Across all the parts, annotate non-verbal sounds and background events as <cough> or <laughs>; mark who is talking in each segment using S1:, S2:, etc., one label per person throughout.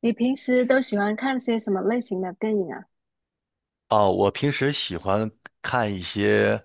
S1: 你平时都喜欢看些什么类型的电影啊？
S2: 哦，我平时喜欢看一些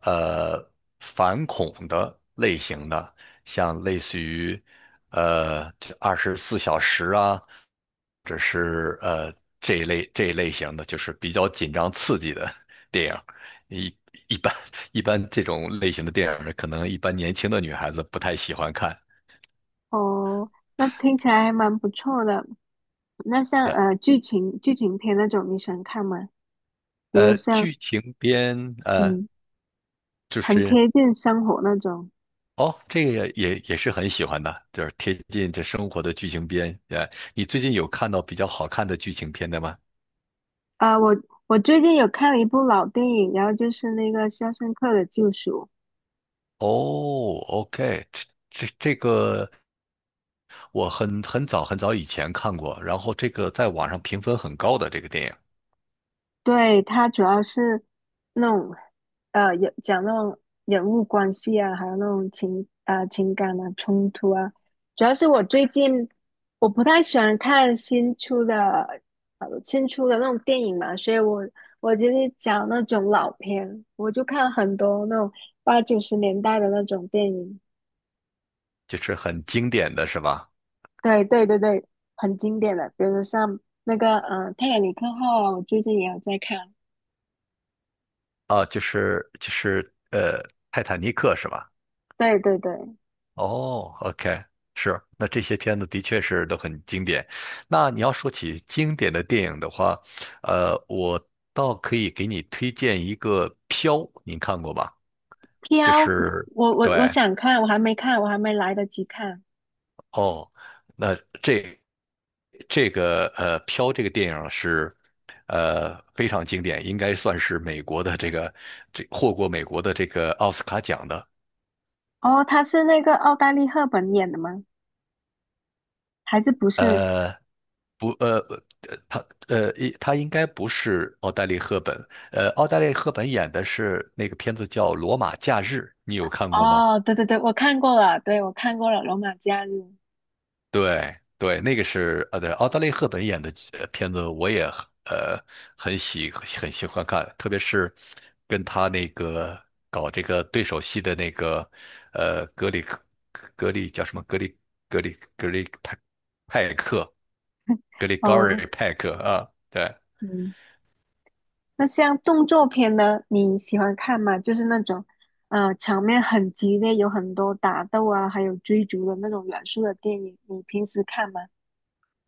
S2: 呃反恐的类型的，像类似于呃24小时啊，或者是这一类型的，就是比较紧张刺激的 <laughs> 电影。一一般一般这种类型的电影，可能一般年轻的女孩子不太喜欢看。
S1: 哦，那听起来还蛮不错的。那像
S2: 呃，
S1: 剧情片那种，你喜欢看吗？比如像。
S2: 剧情片，
S1: 嗯，
S2: 就
S1: 很
S2: 是。
S1: 贴近生活那种。
S2: 哦，这个也是很喜欢的，就是贴近这生活的剧情片。你最近有看到比较好看的剧情片的吗？
S1: 啊、我我最近有看了一部老电影，然后就是那个《肖申克的救赎》。
S2: 哦，OK，这个我很早很早以前看过，然后这个在网上评分很高的这个电影，
S1: 对，它主要是那种，也讲那种人物关系啊，还有那种情感啊、冲突啊。主要是我最近，我不太喜欢看新出的那种电影嘛，所以我就是讲那种老片，我就看很多那种八九十年代的那种电影。
S2: 就是很经典的是吧？
S1: 对对对对，很经典的，比如像那个《泰坦尼克号》啊，我最近也有在看。
S2: 啊，就是《泰坦尼克》是吧？
S1: 对对对。
S2: 哦，OK，是，那这些片子的确是都很经典。那你要说起经典的电影的话，我倒可以给你推荐一个《飘》，您看过吧？就
S1: 飘，
S2: 是
S1: 我我
S2: 对
S1: 我想看，我还没看，我还没来得及看。
S2: 哦，那这这个《飘》这个电影是非常经典，应该算是美国的这获过美国的这个奥斯卡奖的。
S1: 哦，他是那个奥黛丽·赫本演的吗？还是不是？
S2: 呃，不，他，他应该不是奥黛丽·赫本，奥黛丽·赫本演的是那个片子叫《罗马假日》，你有看过吗？
S1: 哦，对对对，我看过了，对，我看过了《罗马假日》。
S2: 对，对，那个是，对，奥黛丽·赫本演的片子，我也很喜欢看，特别是跟他那个搞这个对手戏的那个，呃，格里克格里叫什么？格里派克，格里高
S1: 哦，
S2: 瑞派克啊，对。
S1: 嗯，那像动作片呢，你喜欢看吗？就是那种，呃，场面很激烈，有很多打斗啊，还有追逐的那种元素的电影，你平时看吗？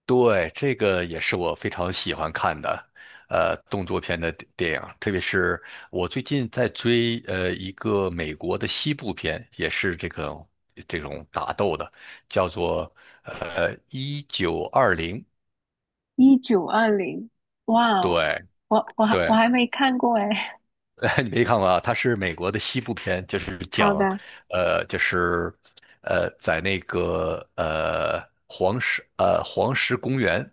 S2: 对，这个也是我非常喜欢看的，动作片的电影，特别是我最近在追一个美国的西部片，也是这种打斗的，叫做1920，1920
S1: 1920，哇哦，
S2: 对
S1: 我
S2: 对，
S1: 还没看过哎。<laughs>
S2: <laughs> 你没看过啊？它是美国的西部片，就是
S1: 好
S2: 讲，
S1: 的。
S2: 就是，在那个黄石公园，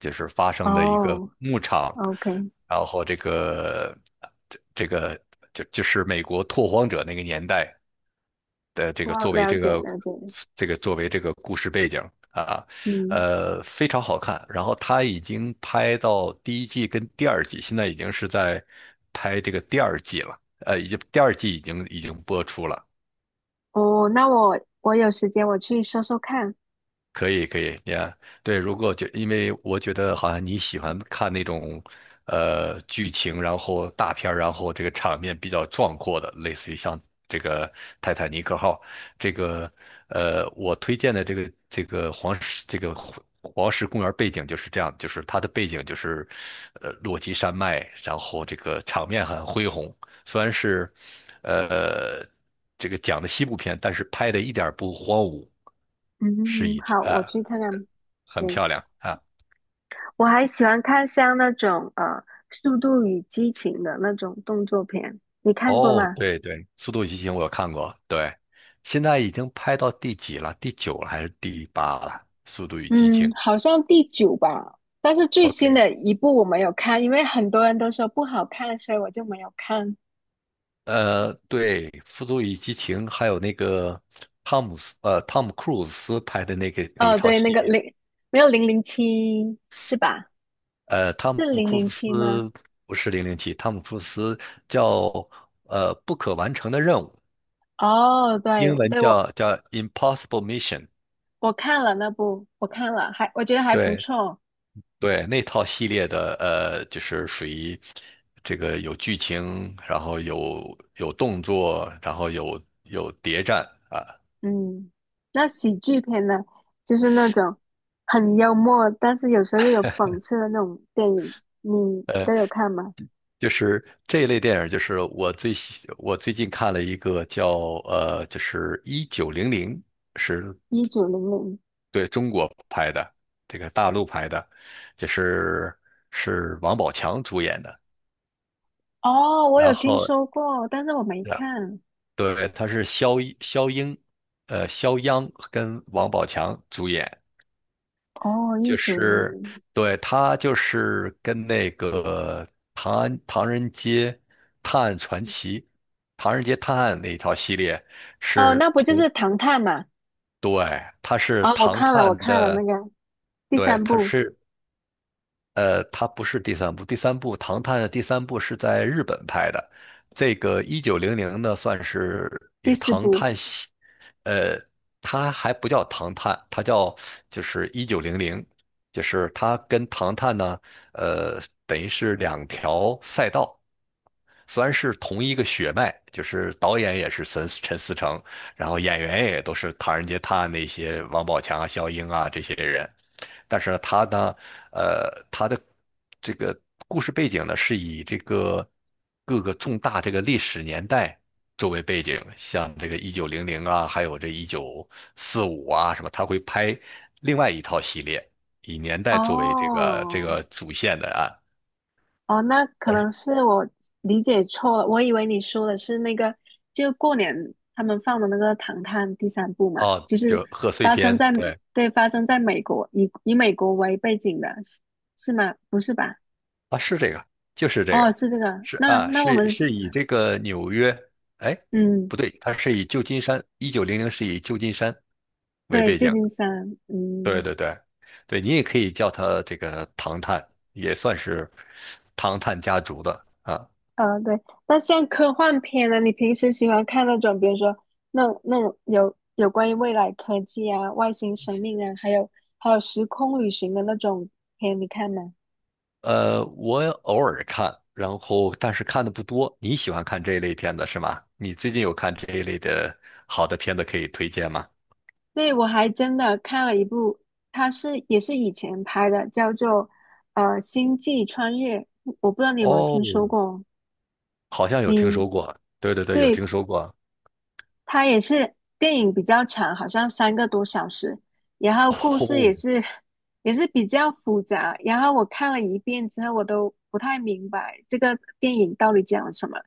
S2: 就是发生的一个
S1: 哦
S2: 牧场，
S1: ，OK,
S2: 然后这个就是美国拓荒者那个年代，的这个
S1: 我
S2: 作为
S1: 了
S2: 这
S1: 解
S2: 个
S1: 了解。
S2: 这个作为这个故事背景啊，
S1: 嗯。
S2: 非常好看。然后他已经拍到第一季跟第二季，现在已经是在拍这个第二季了，已经第二季已经播出了。
S1: 哦，那我有时间我去搜搜看。
S2: 可以可以你看，对，如果觉，因为我觉得好像你喜欢看那种，剧情，然后大片儿，然后这个场面比较壮阔的，类似于像这个《泰坦尼克号》这个，我推荐的这个黄石这个黄黄石公园背景就是这样，就是它的背景就是，落基山脉，然后这个场面很恢宏，虽然是，呃，这个讲的西部片，但是拍的一点儿不荒芜，是
S1: 嗯，
S2: 一只，
S1: 好，我
S2: 啊，
S1: 去看看。
S2: 很
S1: 对，
S2: 漂亮啊。
S1: 我还喜欢看像那种呃《速度与激情》的那种动作片，你看过
S2: 哦，
S1: 吗？
S2: 对对，《速度与激情》我有看过，对，现在已经拍到第几了？第九了还是第八了？《速度与激情》
S1: 嗯，好像第九吧，但是最新
S2: OK，
S1: 的一部我没有看，因为很多人都说不好看，所以我就没有看。
S2: 对，《速度与激情》还有那个汤姆·克鲁斯拍的那个那一
S1: 哦，
S2: 套
S1: 对，那
S2: 系
S1: 个
S2: 列。
S1: 零没有，零零七是吧？
S2: 汤
S1: 是
S2: 姆·
S1: 零
S2: 库鲁
S1: 零七吗？
S2: 斯不是007，汤姆·库鲁斯叫不可完成的任务，
S1: 哦，对
S2: 英文
S1: 对，我
S2: 叫 Impossible Mission。
S1: 我看了那部，我看了，还我觉得还不
S2: 对
S1: 错。
S2: 对，那套系列的，就是属于这个有剧情，然后有动作，然后有谍战啊，
S1: 嗯，那喜剧片呢，就是那种很幽默，但是有时候又有讽刺的那种电影，你都有看吗？
S2: 就是这一类电影。就是我最近看了一个叫就是一九零零，是
S1: 一九零零，
S2: 对中国拍的，这个大陆拍的，就是是王宝强主演的。
S1: 哦，我
S2: 然
S1: 有听
S2: 后
S1: 说过，但是我没看。
S2: 对，他是肖英，肖央跟王宝强主演，
S1: 哦，一
S2: 就
S1: 九零
S2: 是
S1: 零，
S2: 对他就是跟那个《唐安唐人街探案传奇》《唐人街探案》那一套系列
S1: 哦，那
S2: 是
S1: 不就是
S2: 同，
S1: 《唐探》嘛？
S2: 对，他是
S1: 哦，我
S2: 唐
S1: 看了，我
S2: 探
S1: 看了那
S2: 的，
S1: 个第
S2: 对，
S1: 三
S2: 他
S1: 部、
S2: 是。它不是第三部，唐探》的第三部是在日本拍的。这个一九零零呢，算是一
S1: 第
S2: 个
S1: 四
S2: 《唐
S1: 部。
S2: 探》系，呃，它还不叫《唐探》，它叫就是一九零零，就是它跟《唐探》呢，呃，等于是两条赛道。虽然是同一个血脉，就是导演也是陈思诚，然后演员也都是《唐人街探案》那些王宝强啊、肖英啊这些人，但是呢，他呢，他的这个故事背景呢，是以这个各个重大这个历史年代作为背景，像这个一九零零啊，还有这1945啊什么，他会拍另外一套系列，以年代作为这个这
S1: 哦。
S2: 个主线的啊，
S1: 哦，那可
S2: 但
S1: 能
S2: 是
S1: 是我理解错了，我以为你说的是那个，就过年他们放的那个《唐探》第三部嘛，
S2: 哦，
S1: 就是
S2: 就贺岁
S1: 发生
S2: 片，
S1: 在，
S2: 对。
S1: 对，发生在美国，以美国为背景的，是吗？不是吧？
S2: 啊，是这个，就是这
S1: 哦，
S2: 个，
S1: 是这个。
S2: 是
S1: 那
S2: 啊，
S1: 那我们，
S2: 是以这个纽约，哎，
S1: 嗯，
S2: 不对，它是以旧金山，一九零零是以旧金山为
S1: 对，
S2: 背
S1: 旧
S2: 景，
S1: 金山，
S2: 对
S1: 嗯。
S2: 对对，对你也可以叫它这个唐探，也算是唐探家族的啊。
S1: 嗯，对，那像科幻片呢，你平时喜欢看那种，比如说那种有关于未来科技啊、外星生命啊，还有时空旅行的那种片，你看吗？
S2: 我偶尔看，然后但是看的不多。你喜欢看这一类片子是吗？你最近有看这一类的好的片子可以推荐吗？
S1: 对，我还真的看了一部，它是也是以前拍的，叫做《星际穿越》，我不知道你有没有听
S2: 哦，
S1: 说过？
S2: 好像有听
S1: 你
S2: 说过，对对对，有
S1: 对，
S2: 听说过。
S1: 它也是电影比较长，好像3个多小时，然后
S2: <laughs>
S1: 故事也
S2: 哦，
S1: 是也是比较复杂，然后我看了一遍之后，我都不太明白这个电影到底讲了什么，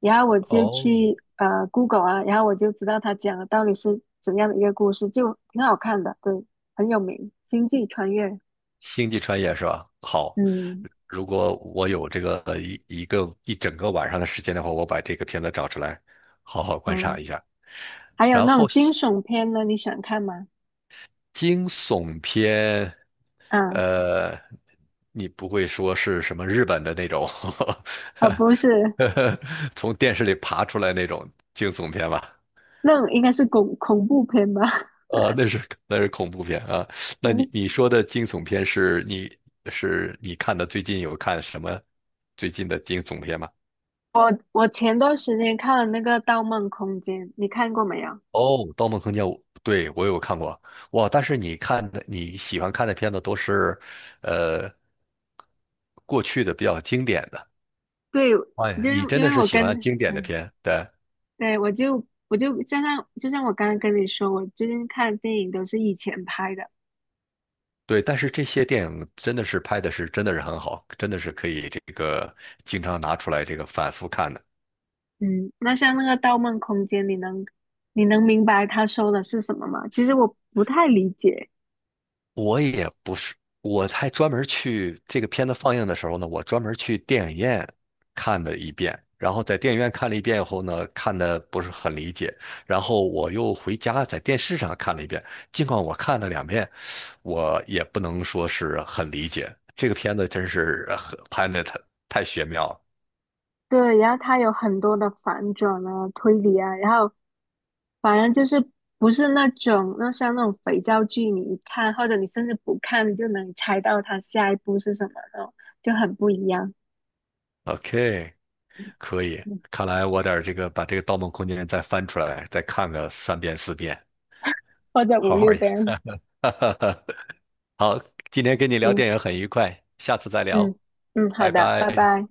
S1: 然后我就
S2: 哦，
S1: 去Google 啊，然后我就知道它讲的到底是怎样的一个故事，就挺好看的，对，很有名，《星际穿越》。
S2: 星际穿越是吧？好，
S1: 嗯。
S2: 如果我有这个一整个晚上的时间的话，我把这个片子找出来，好好观
S1: 嗯，
S2: 赏一下。
S1: 还有
S2: 然
S1: 那
S2: 后
S1: 种惊悚片呢，你喜欢看吗？
S2: 惊悚片，
S1: 啊
S2: 呃，你不会说是什么日本的那种 <laughs>
S1: 啊，不是，
S2: 从电视里爬出来那种惊悚片吧？
S1: 那种应该是恐怖片吧。<laughs>
S2: 啊，那是恐怖片啊。那你
S1: 嗯。
S2: 你说的惊悚片是你看的最近有看什么最近的惊悚片吗？
S1: 我前段时间看了那个《盗梦空间》，你看过没有？
S2: 哦，《盗梦空间》我对，我有看过。哇，但是你喜欢看的片子都是呃过去的比较经典的。
S1: 对，
S2: 哎，
S1: 就是
S2: 你真
S1: 因
S2: 的
S1: 为
S2: 是
S1: 我
S2: 喜欢
S1: 跟
S2: 经典的
S1: 嗯，
S2: 片，对
S1: 对，我就我就就像就像我刚刚跟你说，我最近看的电影都是以前拍的。
S2: 对。但是这些电影真的是拍的是真的是很好，真的是可以这个经常拿出来这个反复看的。
S1: 嗯，那像那个《盗梦空间》，你能明白他说的是什么吗？其实我不太理解。
S2: 我也不是，我还专门去这个片子放映的时候呢，我专门去电影院看了一遍，然后在电影院看了一遍以后呢，看的不是很理解，然后我又回家在电视上看了一遍。尽管我看了2遍，我也不能说是很理解。这个片子真是很拍的太玄妙了。
S1: 对，然后它有很多的反转啊、推理啊，然后反正就是不是那种，那像那种肥皂剧，你一看或者你甚至不看，你就能猜到它下一步是什么那种，就很不一样。
S2: OK，可以，
S1: 嗯。
S2: 看来我得这个把这个《盗梦空间》再翻出来，再看个3遍4遍，
S1: 或者五
S2: 好
S1: 六
S2: 好演。
S1: 遍。
S2: <laughs> 好，今天跟你聊
S1: 嗯
S2: 电影很愉快，下次再
S1: 嗯
S2: 聊，
S1: 嗯，好
S2: 拜
S1: 的，拜
S2: 拜。
S1: 拜。